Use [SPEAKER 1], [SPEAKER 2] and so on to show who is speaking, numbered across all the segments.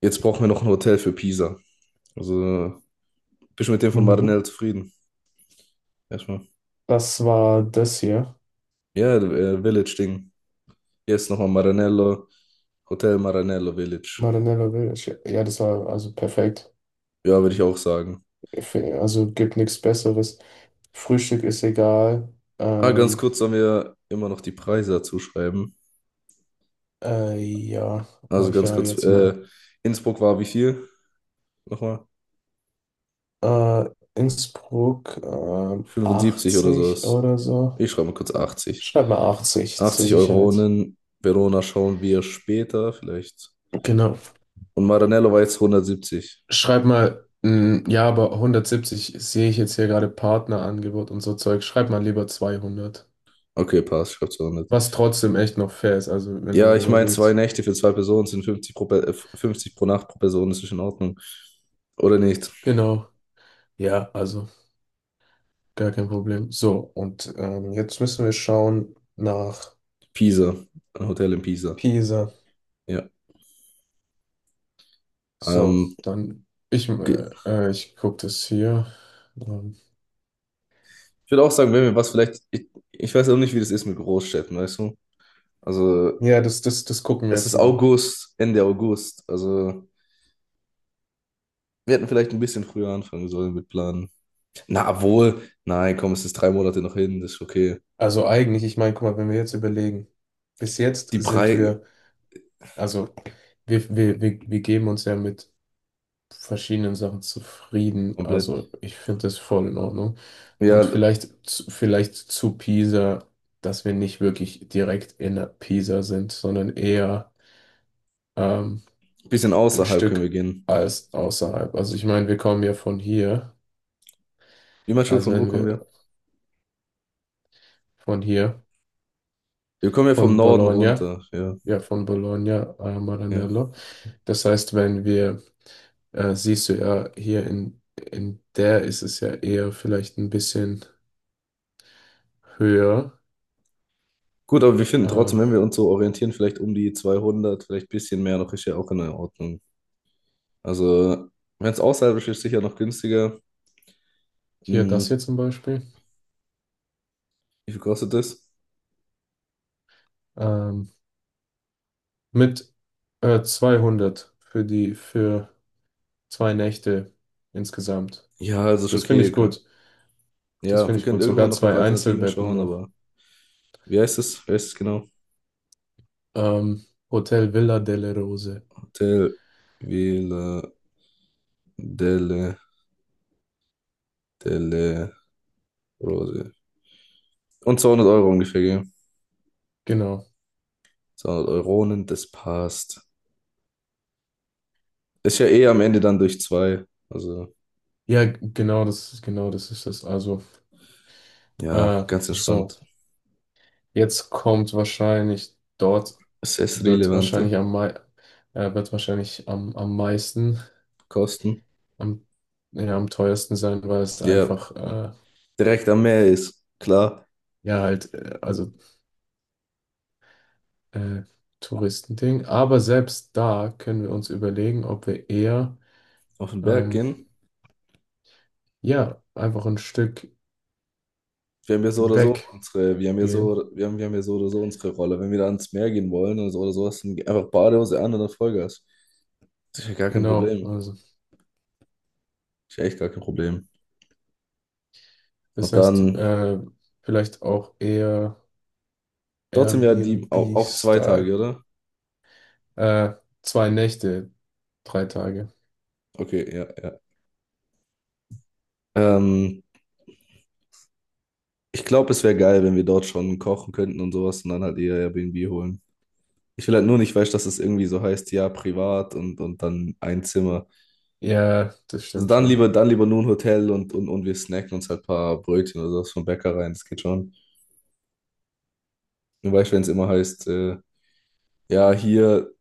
[SPEAKER 1] Jetzt brauchen wir noch ein Hotel für Pisa. Also, bist du mit dem von
[SPEAKER 2] Mhm.
[SPEAKER 1] Maranello zufrieden? Erstmal.
[SPEAKER 2] Das war das hier.
[SPEAKER 1] Ja, Village-Ding. Hier ist nochmal Maranello, Hotel Maranello Village.
[SPEAKER 2] Marinello Village. Ja, ja, das war also perfekt.
[SPEAKER 1] Ja, würde ich auch sagen.
[SPEAKER 2] Also gibt nichts Besseres. Frühstück ist egal.
[SPEAKER 1] Ah, ganz
[SPEAKER 2] Ähm,
[SPEAKER 1] kurz sollen wir immer noch die Preise dazu schreiben.
[SPEAKER 2] ja, habe
[SPEAKER 1] Also
[SPEAKER 2] ich
[SPEAKER 1] ganz
[SPEAKER 2] ja
[SPEAKER 1] kurz,
[SPEAKER 2] jetzt mal.
[SPEAKER 1] Innsbruck war wie viel? Nochmal?
[SPEAKER 2] Äh, Innsbruck,
[SPEAKER 1] 75 oder
[SPEAKER 2] 80
[SPEAKER 1] sowas.
[SPEAKER 2] oder so.
[SPEAKER 1] Ich schreibe mal kurz Achtzig.
[SPEAKER 2] Schreib mal 80 zur
[SPEAKER 1] 80
[SPEAKER 2] Sicherheit.
[SPEAKER 1] Euronen. Verona schauen wir später vielleicht.
[SPEAKER 2] Genau.
[SPEAKER 1] Und Maranello war jetzt hundertsiebzig.
[SPEAKER 2] Schreib mal, ja, aber 170 sehe ich jetzt hier gerade Partnerangebot und so Zeug. Schreib mal lieber 200.
[SPEAKER 1] Okay, passt, schreibt zu hundert.
[SPEAKER 2] Was trotzdem echt noch fair ist, also wenn ihr
[SPEAKER 1] Ja,
[SPEAKER 2] mal
[SPEAKER 1] ich meine, zwei
[SPEAKER 2] überlegt.
[SPEAKER 1] Nächte für zwei Personen sind 50 pro, 50 pro Nacht pro Person, das ist in Ordnung. Oder nicht?
[SPEAKER 2] Genau, ja, also gar kein Problem. So, und jetzt müssen wir schauen nach
[SPEAKER 1] Pisa, ein Hotel in Pisa.
[SPEAKER 2] Pisa.
[SPEAKER 1] Ja.
[SPEAKER 2] So,
[SPEAKER 1] Ähm,
[SPEAKER 2] dann, ich,
[SPEAKER 1] ge-
[SPEAKER 2] äh, äh, ich gucke das hier. Ähm,
[SPEAKER 1] ich würde auch sagen, wenn wir was vielleicht, ich weiß auch nicht, wie das ist mit Großstädten, weißt du? Also,
[SPEAKER 2] ja, das gucken wir
[SPEAKER 1] es
[SPEAKER 2] jetzt
[SPEAKER 1] ist
[SPEAKER 2] mal.
[SPEAKER 1] August, Ende August. Also, wir hätten vielleicht ein bisschen früher anfangen sollen mit Planen. Na, wohl, nein, komm, es ist drei Monate noch hin, das ist okay.
[SPEAKER 2] Also eigentlich, ich meine, guck mal, wenn wir jetzt überlegen, bis jetzt
[SPEAKER 1] Die
[SPEAKER 2] sind
[SPEAKER 1] Preise,
[SPEAKER 2] wir, also wir geben uns ja mit verschiedenen Sachen zufrieden.
[SPEAKER 1] komplett.
[SPEAKER 2] Also ich finde das voll in Ordnung. Und
[SPEAKER 1] Ja,
[SPEAKER 2] vielleicht, vielleicht zu Pisa, dass wir nicht wirklich direkt in der Pisa sind, sondern eher ähm,
[SPEAKER 1] ein bisschen
[SPEAKER 2] ein
[SPEAKER 1] außerhalb können wir
[SPEAKER 2] Stück
[SPEAKER 1] gehen.
[SPEAKER 2] als außerhalb. Also ich meine, wir kommen ja von hier,
[SPEAKER 1] Wie meinst du,
[SPEAKER 2] also
[SPEAKER 1] von wo
[SPEAKER 2] wenn
[SPEAKER 1] kommen
[SPEAKER 2] wir
[SPEAKER 1] wir?
[SPEAKER 2] von hier,
[SPEAKER 1] Wir kommen ja vom
[SPEAKER 2] von
[SPEAKER 1] Norden
[SPEAKER 2] Bologna,
[SPEAKER 1] runter, ja,
[SPEAKER 2] ja von Bologna,
[SPEAKER 1] ja.
[SPEAKER 2] Maranello. Das heißt, wenn wir, siehst du ja, hier in der ist es ja eher vielleicht ein bisschen höher.
[SPEAKER 1] Gut, aber wir finden trotzdem,
[SPEAKER 2] Ähm,
[SPEAKER 1] wenn wir uns so orientieren, vielleicht um die 200, vielleicht ein bisschen mehr noch, ist ja auch in Ordnung. Also, wenn es außerhalb ist, ist sicher noch günstiger.
[SPEAKER 2] Hier das
[SPEAKER 1] Hm,
[SPEAKER 2] hier zum Beispiel.
[SPEAKER 1] wie viel kostet das?
[SPEAKER 2] Ähm, mit 200 für 2 Nächte insgesamt.
[SPEAKER 1] Ja, also ist
[SPEAKER 2] Das finde ich
[SPEAKER 1] okay.
[SPEAKER 2] gut. Das
[SPEAKER 1] Ja, wir
[SPEAKER 2] finde ich
[SPEAKER 1] können
[SPEAKER 2] gut.
[SPEAKER 1] irgendwann
[SPEAKER 2] Sogar
[SPEAKER 1] noch nach
[SPEAKER 2] zwei
[SPEAKER 1] Alternativen
[SPEAKER 2] Einzelbetten
[SPEAKER 1] schauen,
[SPEAKER 2] noch.
[SPEAKER 1] aber wie heißt es? Wie heißt es genau?
[SPEAKER 2] Ähm, Hotel Villa delle Rose.
[SPEAKER 1] Hotel Villa delle, delle Rose. Und 200 Euro ungefähr, gell?
[SPEAKER 2] Genau.
[SPEAKER 1] 200 Euronen, das passt. Ist ja eh am Ende dann durch zwei. Also.
[SPEAKER 2] Ja, genau genau das ist es. Also,
[SPEAKER 1] Ja, ganz
[SPEAKER 2] so.
[SPEAKER 1] entspannt.
[SPEAKER 2] Jetzt kommt wahrscheinlich dort wird
[SPEAKER 1] Assess-relevante
[SPEAKER 2] wahrscheinlich am mei wird wahrscheinlich am meisten,
[SPEAKER 1] Kosten.
[SPEAKER 2] am, ja, am teuersten sein, weil es
[SPEAKER 1] Ja,
[SPEAKER 2] einfach
[SPEAKER 1] direkt am Meer ist klar.
[SPEAKER 2] ja, halt, also äh, Touristending. Aber selbst da können wir uns überlegen, ob wir eher,
[SPEAKER 1] Auf den Berg
[SPEAKER 2] ähm,
[SPEAKER 1] gehen.
[SPEAKER 2] ja, einfach ein Stück weggehen.
[SPEAKER 1] Wir haben ja so oder so unsere Rolle. Wenn wir da ans Meer gehen wollen oder so, hast du einfach Badehose an und dann Vollgas. Das ist ja gar kein
[SPEAKER 2] Genau,
[SPEAKER 1] Problem.
[SPEAKER 2] also
[SPEAKER 1] Das ist ja echt gar kein Problem.
[SPEAKER 2] das
[SPEAKER 1] Und
[SPEAKER 2] heißt,
[SPEAKER 1] dann,
[SPEAKER 2] vielleicht auch eher
[SPEAKER 1] dort sind wir ja die auch zwei Tage,
[SPEAKER 2] Airbnb-Style.
[SPEAKER 1] oder?
[SPEAKER 2] Äh, 2 Nächte, 3 Tage.
[SPEAKER 1] Okay, ja, ja. Ähm, ich glaube, es wäre geil, wenn wir dort schon kochen könnten und sowas und dann halt eher Airbnb holen. Ich will halt nur nicht, weißt, dass es irgendwie so heißt, ja, privat und dann ein Zimmer.
[SPEAKER 2] Ja, das
[SPEAKER 1] Also
[SPEAKER 2] stimmt
[SPEAKER 1] dann
[SPEAKER 2] schon.
[SPEAKER 1] lieber, dann lieber nur ein Hotel und wir snacken uns halt ein paar Brötchen oder sowas vom Bäcker rein, das geht schon. Nur weißt, wenn es immer heißt, ja, hier,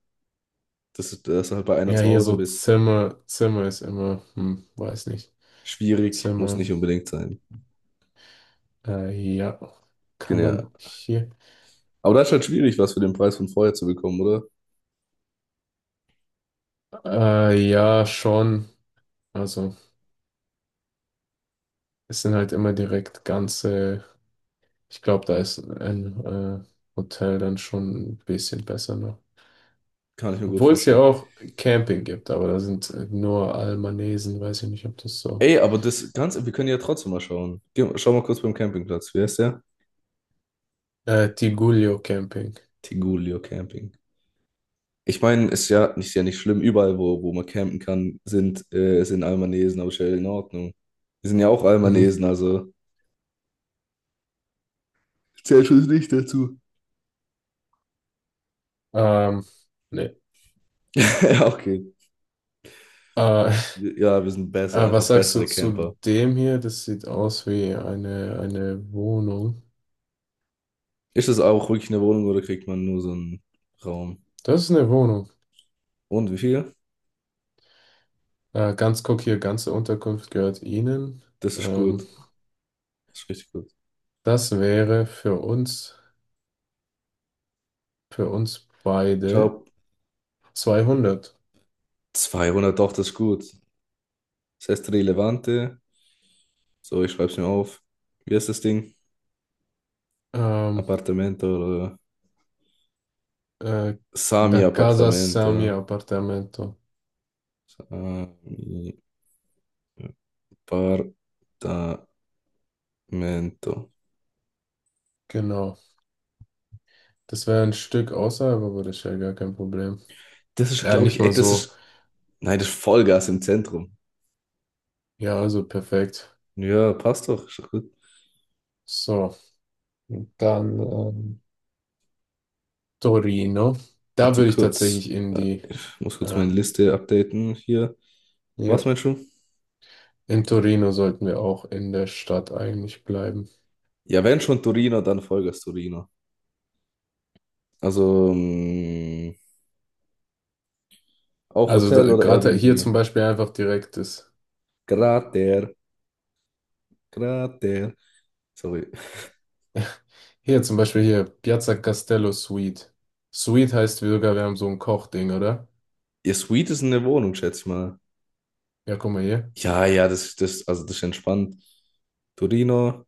[SPEAKER 1] dass du halt bei einer
[SPEAKER 2] Ja,
[SPEAKER 1] zu
[SPEAKER 2] hier
[SPEAKER 1] Hause
[SPEAKER 2] so
[SPEAKER 1] bist,
[SPEAKER 2] Zimmer, Zimmer ist immer, weiß nicht.
[SPEAKER 1] schwierig, muss
[SPEAKER 2] Zimmer,
[SPEAKER 1] nicht unbedingt sein.
[SPEAKER 2] äh, ja, kann
[SPEAKER 1] Genau.
[SPEAKER 2] man hier,
[SPEAKER 1] Aber das ist halt schwierig, was für den Preis von vorher zu bekommen, oder?
[SPEAKER 2] ja, schon. Also, es sind halt immer direkt ganze, ich glaube, da ist ein Hotel dann schon ein bisschen besser noch.
[SPEAKER 1] Kann ich mir gut
[SPEAKER 2] Obwohl es ja
[SPEAKER 1] vorstellen.
[SPEAKER 2] auch Camping gibt, aber da sind nur Albanesen, weiß ich nicht, ob das so.
[SPEAKER 1] Ey, aber das Ganze, wir können ja trotzdem mal schauen. Geh, schau mal kurz beim Campingplatz. Wie heißt der?
[SPEAKER 2] Tigullio Camping.
[SPEAKER 1] Tigulio Camping. Ich meine, ist ja nicht schlimm, überall, wo man campen kann, sind Albanesen, aber ist ja in Ordnung. Wir sind ja auch
[SPEAKER 2] Mhm.
[SPEAKER 1] Albanesen, also. Zählt schon nicht dazu.
[SPEAKER 2] Ähm, nee.
[SPEAKER 1] Ja, okay.
[SPEAKER 2] Äh,
[SPEAKER 1] Ja, wir sind besser,
[SPEAKER 2] Äh,
[SPEAKER 1] einfach
[SPEAKER 2] was sagst du
[SPEAKER 1] bessere
[SPEAKER 2] zu
[SPEAKER 1] Camper.
[SPEAKER 2] dem hier? Das sieht aus wie eine Wohnung.
[SPEAKER 1] Ist das auch wirklich eine Wohnung oder kriegt man nur so einen Raum?
[SPEAKER 2] Das ist eine Wohnung.
[SPEAKER 1] Und wie viel?
[SPEAKER 2] Ganz guck hier, ganze Unterkunft gehört Ihnen.
[SPEAKER 1] Das ist
[SPEAKER 2] Ähm,
[SPEAKER 1] gut. Das ist richtig gut.
[SPEAKER 2] das wäre für uns
[SPEAKER 1] Ich
[SPEAKER 2] beide
[SPEAKER 1] glaube,
[SPEAKER 2] 200.
[SPEAKER 1] 200, doch, das ist gut. Das heißt Relevante. So, ich schreibe es mir auf. Wie heißt das Ding?
[SPEAKER 2] Ähm,
[SPEAKER 1] Appartamento oder
[SPEAKER 2] äh,
[SPEAKER 1] Sami
[SPEAKER 2] da casa Sami
[SPEAKER 1] Appartamento.
[SPEAKER 2] Appartamento.
[SPEAKER 1] Departamento.
[SPEAKER 2] Genau. Das wäre ein Stück außerhalb, aber das ist ja gar kein Problem.
[SPEAKER 1] Das ist,
[SPEAKER 2] Ja,
[SPEAKER 1] glaube
[SPEAKER 2] nicht
[SPEAKER 1] ich, ey,
[SPEAKER 2] mal
[SPEAKER 1] das
[SPEAKER 2] so.
[SPEAKER 1] ist. Nein, das ist Vollgas im Zentrum.
[SPEAKER 2] Ja, also perfekt.
[SPEAKER 1] Ja, passt doch. Ist doch gut.
[SPEAKER 2] So, dann, Torino. Da
[SPEAKER 1] Warte
[SPEAKER 2] würde ich tatsächlich
[SPEAKER 1] kurz.
[SPEAKER 2] in
[SPEAKER 1] Äh,
[SPEAKER 2] die,
[SPEAKER 1] Ich muss kurz meine
[SPEAKER 2] ähm,
[SPEAKER 1] Liste updaten hier.
[SPEAKER 2] ja,
[SPEAKER 1] Was meinst du?
[SPEAKER 2] in Torino sollten wir auch in der Stadt eigentlich bleiben.
[SPEAKER 1] Ja, wenn schon Torino, dann Vollgas Torino. Also, auch
[SPEAKER 2] Also
[SPEAKER 1] Hotel oder
[SPEAKER 2] gerade hier zum
[SPEAKER 1] Airbnb.
[SPEAKER 2] Beispiel einfach direkt ist.
[SPEAKER 1] Grater. Grater. Sorry.
[SPEAKER 2] Hier zum Beispiel hier, Piazza Castello Suite. Suite heißt sogar, wir haben so ein Kochding, oder?
[SPEAKER 1] Ihr Suite ist eine Wohnung, schätze ich mal.
[SPEAKER 2] Ja, guck mal hier.
[SPEAKER 1] Ja, ja, das, also das ist entspannt. Torino.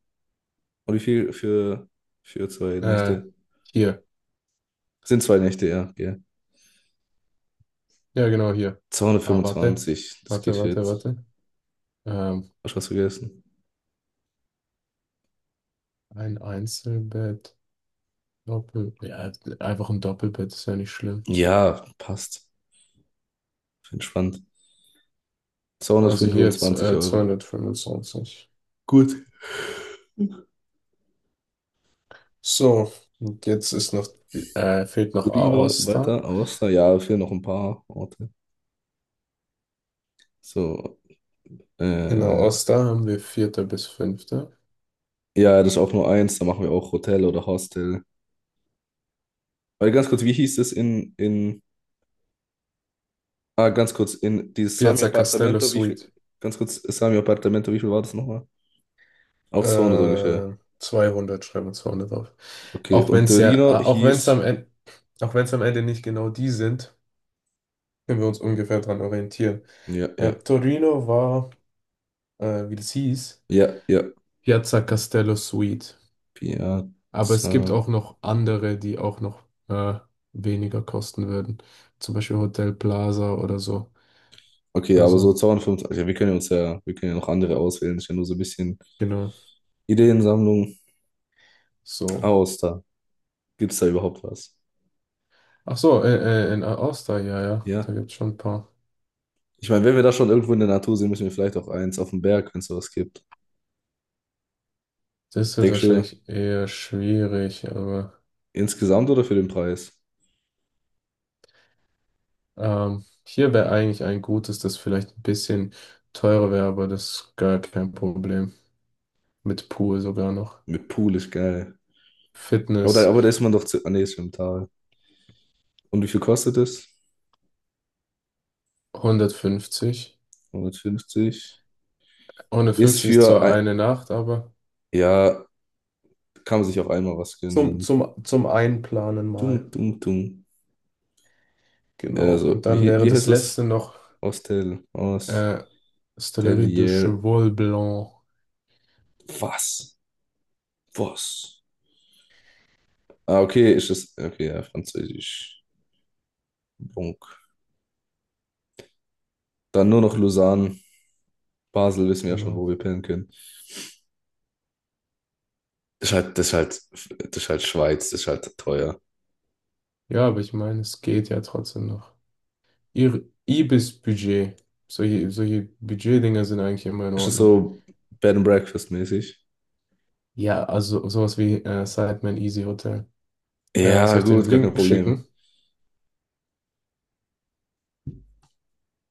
[SPEAKER 1] Und wie viel für zwei
[SPEAKER 2] Äh,
[SPEAKER 1] Nächte?
[SPEAKER 2] hier.
[SPEAKER 1] Sind zwei Nächte, ja. Ja,
[SPEAKER 2] Ja, genau hier. Ah, warte.
[SPEAKER 1] zweihundertfünfundzwanzig, das geht
[SPEAKER 2] Warte,
[SPEAKER 1] für
[SPEAKER 2] warte,
[SPEAKER 1] jetzt.
[SPEAKER 2] warte. Ähm,
[SPEAKER 1] Hast du was vergessen?
[SPEAKER 2] ein Einzelbett. Doppel. Ja, einfach ein Doppelbett ist ja nicht schlimm.
[SPEAKER 1] Ja, passt. Entspannt.
[SPEAKER 2] Also hier jetzt
[SPEAKER 1] Zweihundertfünfundzwanzig Euro.
[SPEAKER 2] 225.
[SPEAKER 1] Gut.
[SPEAKER 2] So, und jetzt ist noch, fehlt noch
[SPEAKER 1] Torino,
[SPEAKER 2] Aosta.
[SPEAKER 1] weiter, Aosta, ja, fehlen noch ein paar Orte. So,
[SPEAKER 2] In
[SPEAKER 1] äh,
[SPEAKER 2] Aosta haben wir vierte bis fünfte.
[SPEAKER 1] ja, das ist auch nur eins, da machen wir auch Hotel oder Hostel. Weil ganz kurz, wie hieß es in, ah, ganz kurz, in dieses Sami
[SPEAKER 2] Piazza Castello
[SPEAKER 1] Appartamento, wie viel,
[SPEAKER 2] Suite.
[SPEAKER 1] ganz kurz, Sami Appartamento, wie viel war das nochmal? Auch 200 ungefähr.
[SPEAKER 2] 200, schreiben wir 200 auf.
[SPEAKER 1] Okay,
[SPEAKER 2] Auch wenn
[SPEAKER 1] und
[SPEAKER 2] es ja,
[SPEAKER 1] Torino
[SPEAKER 2] auch wenn es am
[SPEAKER 1] hieß,
[SPEAKER 2] Ende, auch wenn es am Ende nicht genau die sind, können wir uns ungefähr dran orientieren.
[SPEAKER 1] ja, ja,
[SPEAKER 2] Torino war, wie das hieß,
[SPEAKER 1] ja, ja,
[SPEAKER 2] Piazza Castello Suite. Aber es
[SPEAKER 1] Piazza.
[SPEAKER 2] gibt auch noch andere, die auch noch äh, weniger kosten würden. Zum Beispiel Hotel Plaza oder so.
[SPEAKER 1] Okay, aber so
[SPEAKER 2] Also,
[SPEAKER 1] 225. Ja, wir können ja noch andere auswählen. Ist ja nur so ein bisschen
[SPEAKER 2] genau.
[SPEAKER 1] Ideensammlung
[SPEAKER 2] So.
[SPEAKER 1] aus da. Gibt es da überhaupt was?
[SPEAKER 2] Ach so, in All-Star, ja, ja.
[SPEAKER 1] Ja.
[SPEAKER 2] Da gibt es schon ein paar.
[SPEAKER 1] Ich meine, wenn wir da schon irgendwo in der Natur sind, müssen wir vielleicht auch eins auf dem Berg, wenn es sowas gibt.
[SPEAKER 2] Das wird
[SPEAKER 1] Denkst du,
[SPEAKER 2] wahrscheinlich eher schwierig, aber
[SPEAKER 1] insgesamt oder für den Preis?
[SPEAKER 2] hier wäre eigentlich ein gutes, das vielleicht ein bisschen teurer wäre, aber das ist gar kein Problem. Mit Pool sogar noch.
[SPEAKER 1] Mit Pool ist geil.
[SPEAKER 2] Fitness
[SPEAKER 1] Aber da ist man doch zu. Ah, nee, ist im Tal. Und wie viel kostet es?
[SPEAKER 2] 150.
[SPEAKER 1] Hundertfünfzig. Ist
[SPEAKER 2] 150 ist
[SPEAKER 1] für
[SPEAKER 2] zwar
[SPEAKER 1] ein,
[SPEAKER 2] eine Nacht, aber
[SPEAKER 1] ja, kann man sich auch einmal was gönnen
[SPEAKER 2] zum,
[SPEAKER 1] dann.
[SPEAKER 2] zum, zum Einplanen mal.
[SPEAKER 1] Dumm, dumm, dumm.
[SPEAKER 2] Genau.
[SPEAKER 1] Also,
[SPEAKER 2] Und dann
[SPEAKER 1] wie,
[SPEAKER 2] wäre
[SPEAKER 1] wie heißt
[SPEAKER 2] das
[SPEAKER 1] das?
[SPEAKER 2] letzte noch
[SPEAKER 1] Hostel, Hostelier.
[SPEAKER 2] äh, Stellerie de Cheval Blanc.
[SPEAKER 1] Was? Was? Ah, okay, ist es. Okay, ja, Französisch. Bunk. Dann nur noch Lausanne. Basel wissen wir ja schon, wo
[SPEAKER 2] Genau.
[SPEAKER 1] wir pennen können. Das ist halt, das ist halt, das ist halt Schweiz, das ist halt teuer.
[SPEAKER 2] Ja, aber ich meine, es geht ja trotzdem noch. Ihr Ibis-Budget. Solche Budgetdinger sind eigentlich immer in
[SPEAKER 1] Ist es
[SPEAKER 2] Ordnung.
[SPEAKER 1] so Bed and Breakfast mäßig?
[SPEAKER 2] Ja, also sowas wie Sidemen Easy Hotel. Äh,
[SPEAKER 1] Ja,
[SPEAKER 2] soll ich den
[SPEAKER 1] gut, gar kein
[SPEAKER 2] Link
[SPEAKER 1] Problem.
[SPEAKER 2] schicken?